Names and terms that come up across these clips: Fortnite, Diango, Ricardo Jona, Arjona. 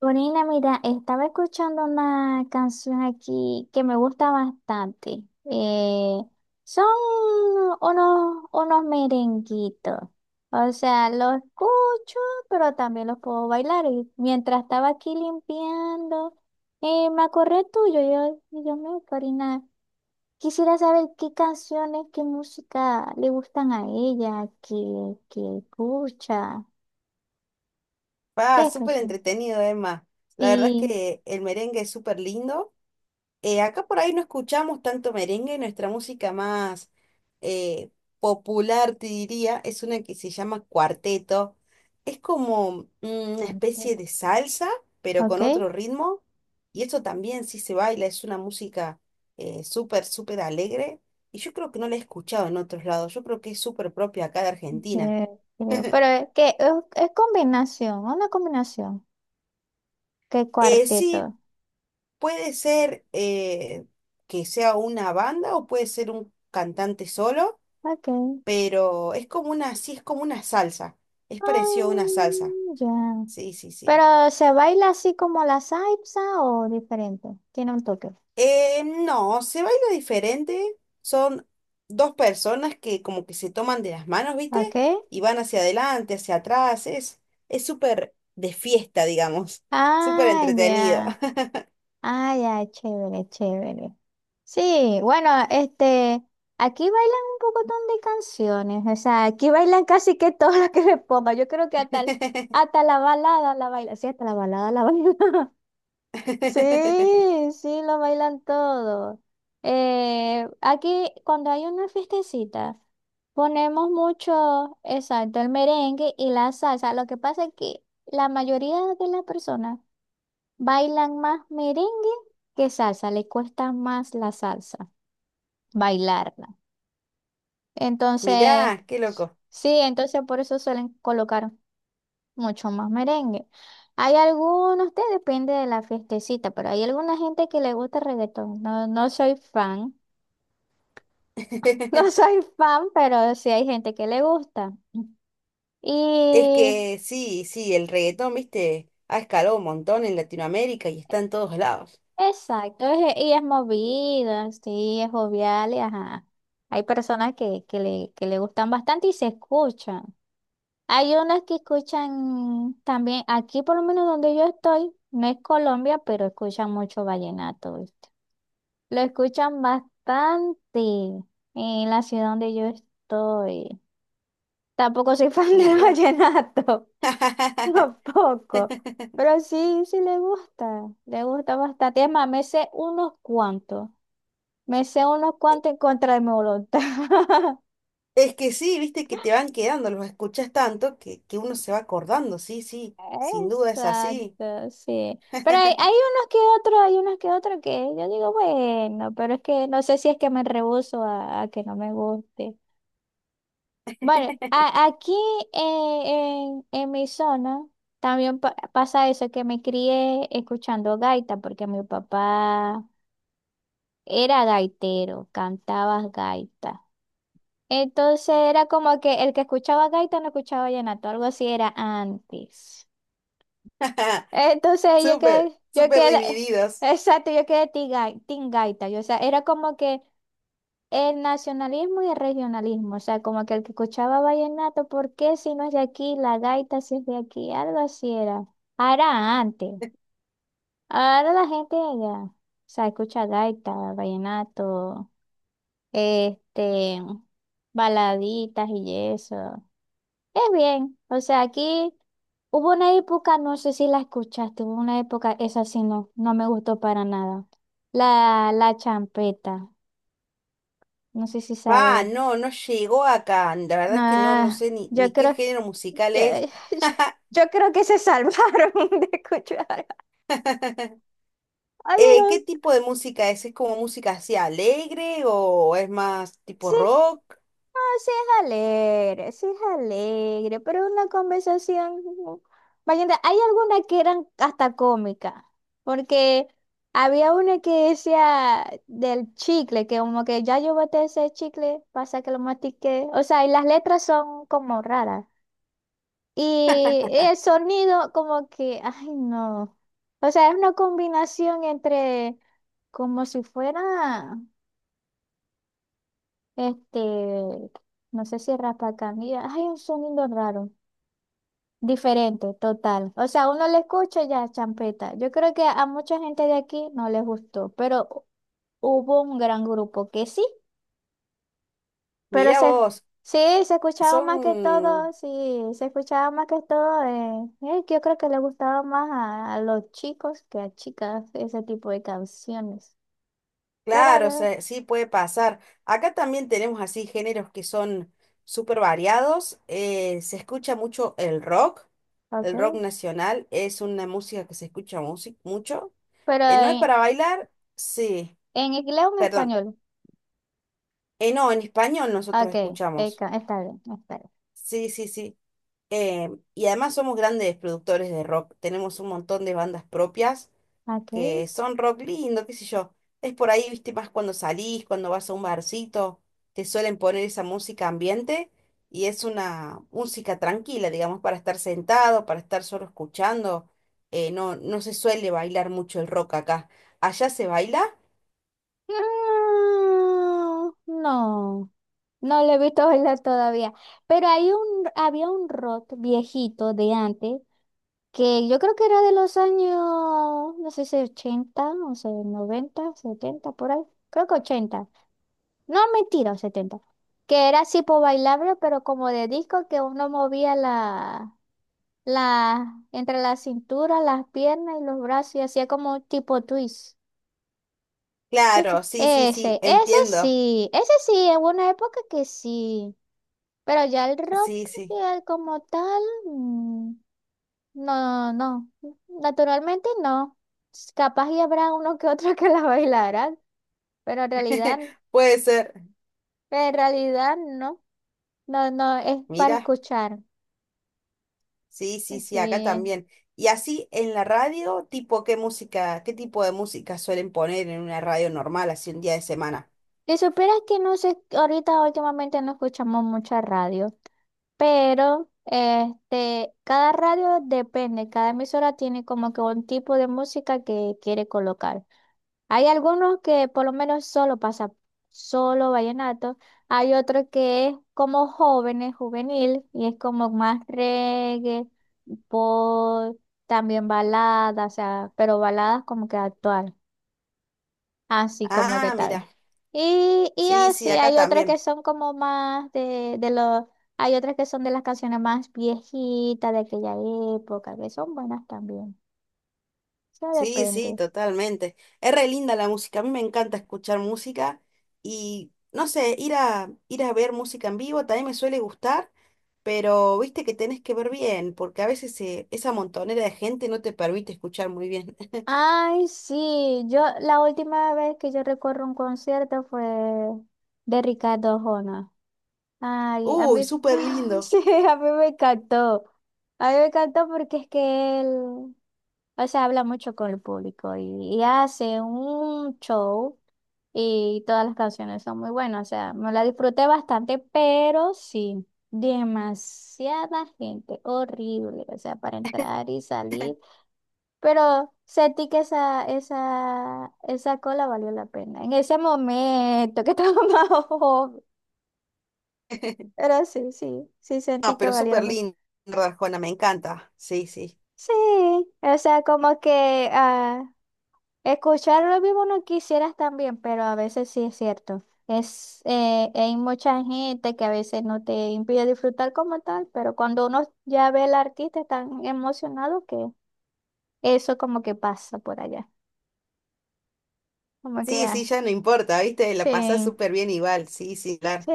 Corina, mira, estaba escuchando una canción aquí que me gusta bastante. Eh, Son unos merenguitos. O sea, los escucho, pero también los puedo bailar. Y mientras estaba aquí limpiando, me acordé tuyo. Yo, y yo me, Corina, quisiera saber qué canciones, qué música le gustan a ella, qué escucha, qué Ah, súper escucha. entretenido, Emma. La verdad es Sí, que el merengue es súper lindo. Acá por ahí no escuchamos tanto merengue, nuestra música más eh, popular, te diría, es una que se llama cuarteto. Es como una especie perfecto. de salsa, pero con ¿Ok? otro ritmo. Y eso también sí se baila, es una música súper, súper alegre. Y yo creo que no la he escuchado en otros lados, yo creo que es súper propia acá de Argentina. Yo creo, es combinación, una combinación. ¿Qué cuarteto? Sí, puede ser que sea una banda o puede ser un cantante solo, Ok. pero es como una, sí, es como una salsa. Es parecido a una Ah, salsa. ya. Sí, sí, sí. Pero se baila así como la salsa o diferente. Tiene un toque. No, se baila diferente. Son dos personas que como que se toman de las manos, ¿viste? Ok. Y van hacia adelante, hacia atrás. Es súper de fiesta, digamos. Súper Ah, ya. entretenido. Ah, ya, chévere, chévere. Sí, bueno, este, aquí bailan un pocotón de canciones. O sea, aquí bailan casi que todas las que le ponga. Yo creo que hasta, hasta la balada la baila. Sí, hasta la balada la baila. Sí, sí, lo bailan todo. Aquí, cuando hay una fiestecita, ponemos mucho, exacto, el merengue y la salsa. Lo que pasa es que la mayoría de las personas bailan más merengue que salsa, le cuesta más la salsa bailarla. Entonces, Mirá, qué loco. sí, entonces por eso suelen colocar mucho más merengue. Hay algunos, te depende de la fiestecita, pero hay alguna gente que le gusta el reggaetón. No, no soy fan, no soy fan, pero sí hay gente que le gusta. Es Y que sí, sí, el reggaetón, viste, ha escalado un montón en Latinoamérica y está en todos lados. exacto, y es movida, sí, es jovial, y ajá. Hay personas que le gustan bastante y se escuchan. Hay unas que escuchan también, aquí por lo menos donde yo estoy, no es Colombia, pero escuchan mucho vallenato, ¿viste? Lo escuchan bastante en la ciudad donde yo estoy. Tampoco soy fan del Mira. vallenato, tampoco. Pero sí, sí le gusta bastante. Es más, me sé unos cuantos. Me sé unos cuantos en contra de mi voluntad. Es que sí, viste que te van quedando, los escuchas tanto que uno se va acordando, sí, sí, sin duda es así. Exacto, sí. Hay unos que otros, hay unos que otros que yo digo, bueno, pero es que no sé si es que me rehúso a que no me guste. Bueno, aquí en mi zona también pasa eso, que me crié escuchando gaita, porque mi papá era gaitero, cantaba gaita. Entonces era como que el que escuchaba gaita no escuchaba vallenato, algo así era antes. Entonces yo Súper, quedé, yo súper quedé, divididos. exacto, yo quedé team gaita. Yo, o sea, era como que el nacionalismo y el regionalismo, o sea, como que el que escuchaba vallenato, ¿por qué si no es de aquí? La gaita si es de aquí, algo así era. Ah, era antes. Ahora la gente de allá, o sea, escucha gaita, vallenato, este, baladitas y eso. Es bien, o sea, aquí hubo una época, no sé si la escuchaste, hubo una época, esa sí no, no me gustó para nada. La champeta, no sé si Pa, sabes. no, no llegó acá. La verdad No, es que no, no sé ni, yo ni qué creo. género musical Yo, es. yo- yo creo que se salvaron de escuchar. Oyeron, ¿Qué tipo de música es? ¿Es como música así alegre o es más tipo sí, rock? ah, sí es alegre, pero una conversación. Vaya, hay algunas que eran hasta cómicas, porque había una que decía del chicle, que como que ya yo boté ese chicle, pasa que lo mastiqué. O sea, y las letras son como raras. Y el sonido como que, ay no. O sea, es una combinación entre como si fuera, este, no sé si raspacanilla. Hay un sonido raro, diferente, total. O sea, uno le escucha y ya champeta. Yo creo que a mucha gente de aquí no les gustó, pero hubo un gran grupo que sí. Pero Mira se, vos. sí, se escuchaba más que Son, todo, sí, se escuchaba más que todo. Yo creo que le gustaba más a los chicos que a chicas ese tipo de canciones. Pero, claro, o de- sea, sí puede pasar. Acá también tenemos así géneros que son súper variados. Se escucha mucho el rock. El rock ok. nacional es una música que se escucha mucho. Pero ¿No es para bailar? Sí, en inglés o en perdón. español. No, en español nosotros Ok, escuchamos. Está bien, está bien. Sí, sí, sí. Eh, y además somos grandes productores de rock. Tenemos un montón de bandas propias Ok. que son rock lindo, qué sé yo. Es por ahí, viste, más cuando salís, cuando vas a un barcito, te suelen poner esa música ambiente y es una música tranquila, digamos, para estar sentado, para estar solo escuchando. No, no se suele bailar mucho el rock acá. ¿Allá se baila? Mm, no, no lo he visto bailar todavía. Pero hay había un rock viejito de antes que yo creo que era de los años, no sé si 80 no sé, 90 70 por ahí. Creo que 80. No, mentira, 70. Que era tipo bailable, pero como de disco que uno movía entre la cintura, las piernas y los brazos y hacía como tipo twist. Sí, Claro, sí, sí, sí, ese, ese entiendo. sí, ese sí, en una época que sí. Pero ya el Sí, rock, sí, ya como tal. mm, No, no, no. Naturalmente no. Capaz y habrá uno que otro que la bailarán, pero puede ser. en realidad no. No, no, es para Mira. escuchar. Sí, sí, sí, acá Sí. también. Y así en la radio, tipo, ¿qué música, qué tipo de música suelen poner en una radio normal, así un día de semana? Si supieras que no sé, ahorita últimamente no escuchamos mucha radio, pero este, cada radio depende, cada emisora tiene como que un tipo de música que quiere colocar. Hay algunos que por lo menos solo pasa solo vallenato, hay otro que es como jóvenes, juvenil, y es como más reggae, pop, también baladas, o sea, pero baladas como que actual, así como que Ah, mira, tal. Y sí, sí, así, acá hay otras que también. son como más de los, hay otras que son de las canciones más viejitas de aquella época, que son buenas también, o sea, Sí, sí, depende. totalmente. Es re linda la música, a mí me encanta escuchar música y, no sé, ir a, ir a ver música en vivo también me suele gustar, pero viste que tenés que ver bien, porque a veces esa montonera de gente no te permite escuchar muy bien. Ay, sí, yo la última vez que yo recuerdo un concierto fue de Ricardo Jona. Ay, a Uy, mí, súper lindo. sí, a mí me encantó. A mí me encantó porque es que él, o sea, habla mucho con el público y hace un show y todas las canciones son muy buenas. O sea, me la disfruté bastante, pero sí, demasiada gente, horrible. O sea, para entrar y salir. Pero sentí que esa cola valió la pena. En ese momento que estaba más joven. Pero sí sentí No, que pero valía la súper pena. lindo, Arjona, me encanta. Sí, sí. Sí, o sea, como que ah, escuchar lo mismo no quisieras también, pero a veces sí es cierto. Es, hay mucha gente que a veces no te impide disfrutar como tal, pero cuando uno ya ve al artista tan emocionado que eso como que pasa por allá. Como que, Sí, sí, ah, ya no importa, ¿viste? La pasás sí, súper bien igual, sí, sí, claro. sí.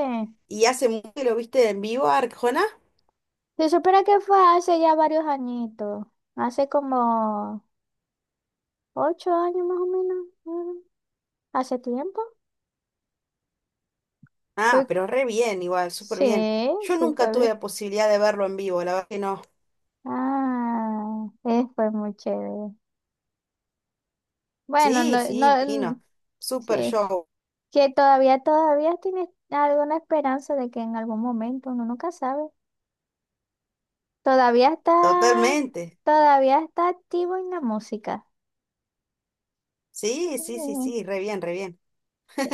¿Y hace mucho que lo viste en vivo, Arjona? Se supiera que fue hace ya varios añitos, hace como 8 años más o menos, mm, hace tiempo. Ah, Fue- pero re bien, igual, súper bien. sí, Yo sí nunca fue tuve bien. la posibilidad de verlo en vivo, la verdad que no. Ah, fue muy chévere. Bueno, Sí, no, sí, no, mm, imagino. Súper sí, show, que todavía, todavía tienes alguna esperanza de que en algún momento, uno nunca sabe. Todavía está, totalmente. todavía está activo en la música. Sí, sí, sí, sí, re bien, re bien. Sí,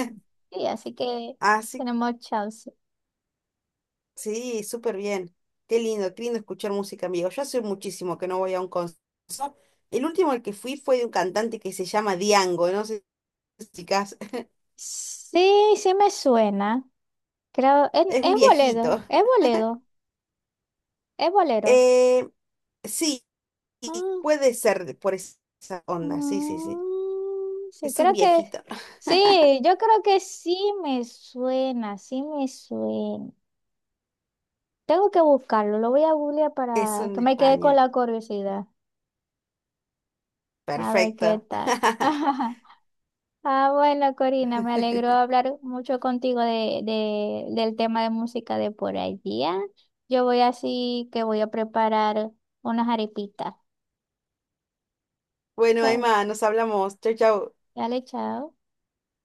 sí, así que Así tenemos chance. sí, súper bien. Qué lindo escuchar música en vivo. Yo hace muchísimo que no voy a un concierto. El último al que fui fue de un cantante que se llama Diango, no sé si Sí, sí me suena. Creo, es un es boledo, viejito. es boledo, es bolero. Eh, sí, Ah, puede ser por esa onda, sí, sí, sí. Sí, Es un creo que es- viejito, sí, yo creo que sí me suena, sí me suena. Tengo que buscarlo, lo voy a googlear es para un que me quede con español. la curiosidad. A ver qué Perfecto. tal. Ah, bueno, Corina, me alegró hablar mucho contigo del tema de música de por allá. Yo voy así que voy a preparar unas arepitas. Bueno, Chao. Emma, nos hablamos. Chau, chau. Dale, chao.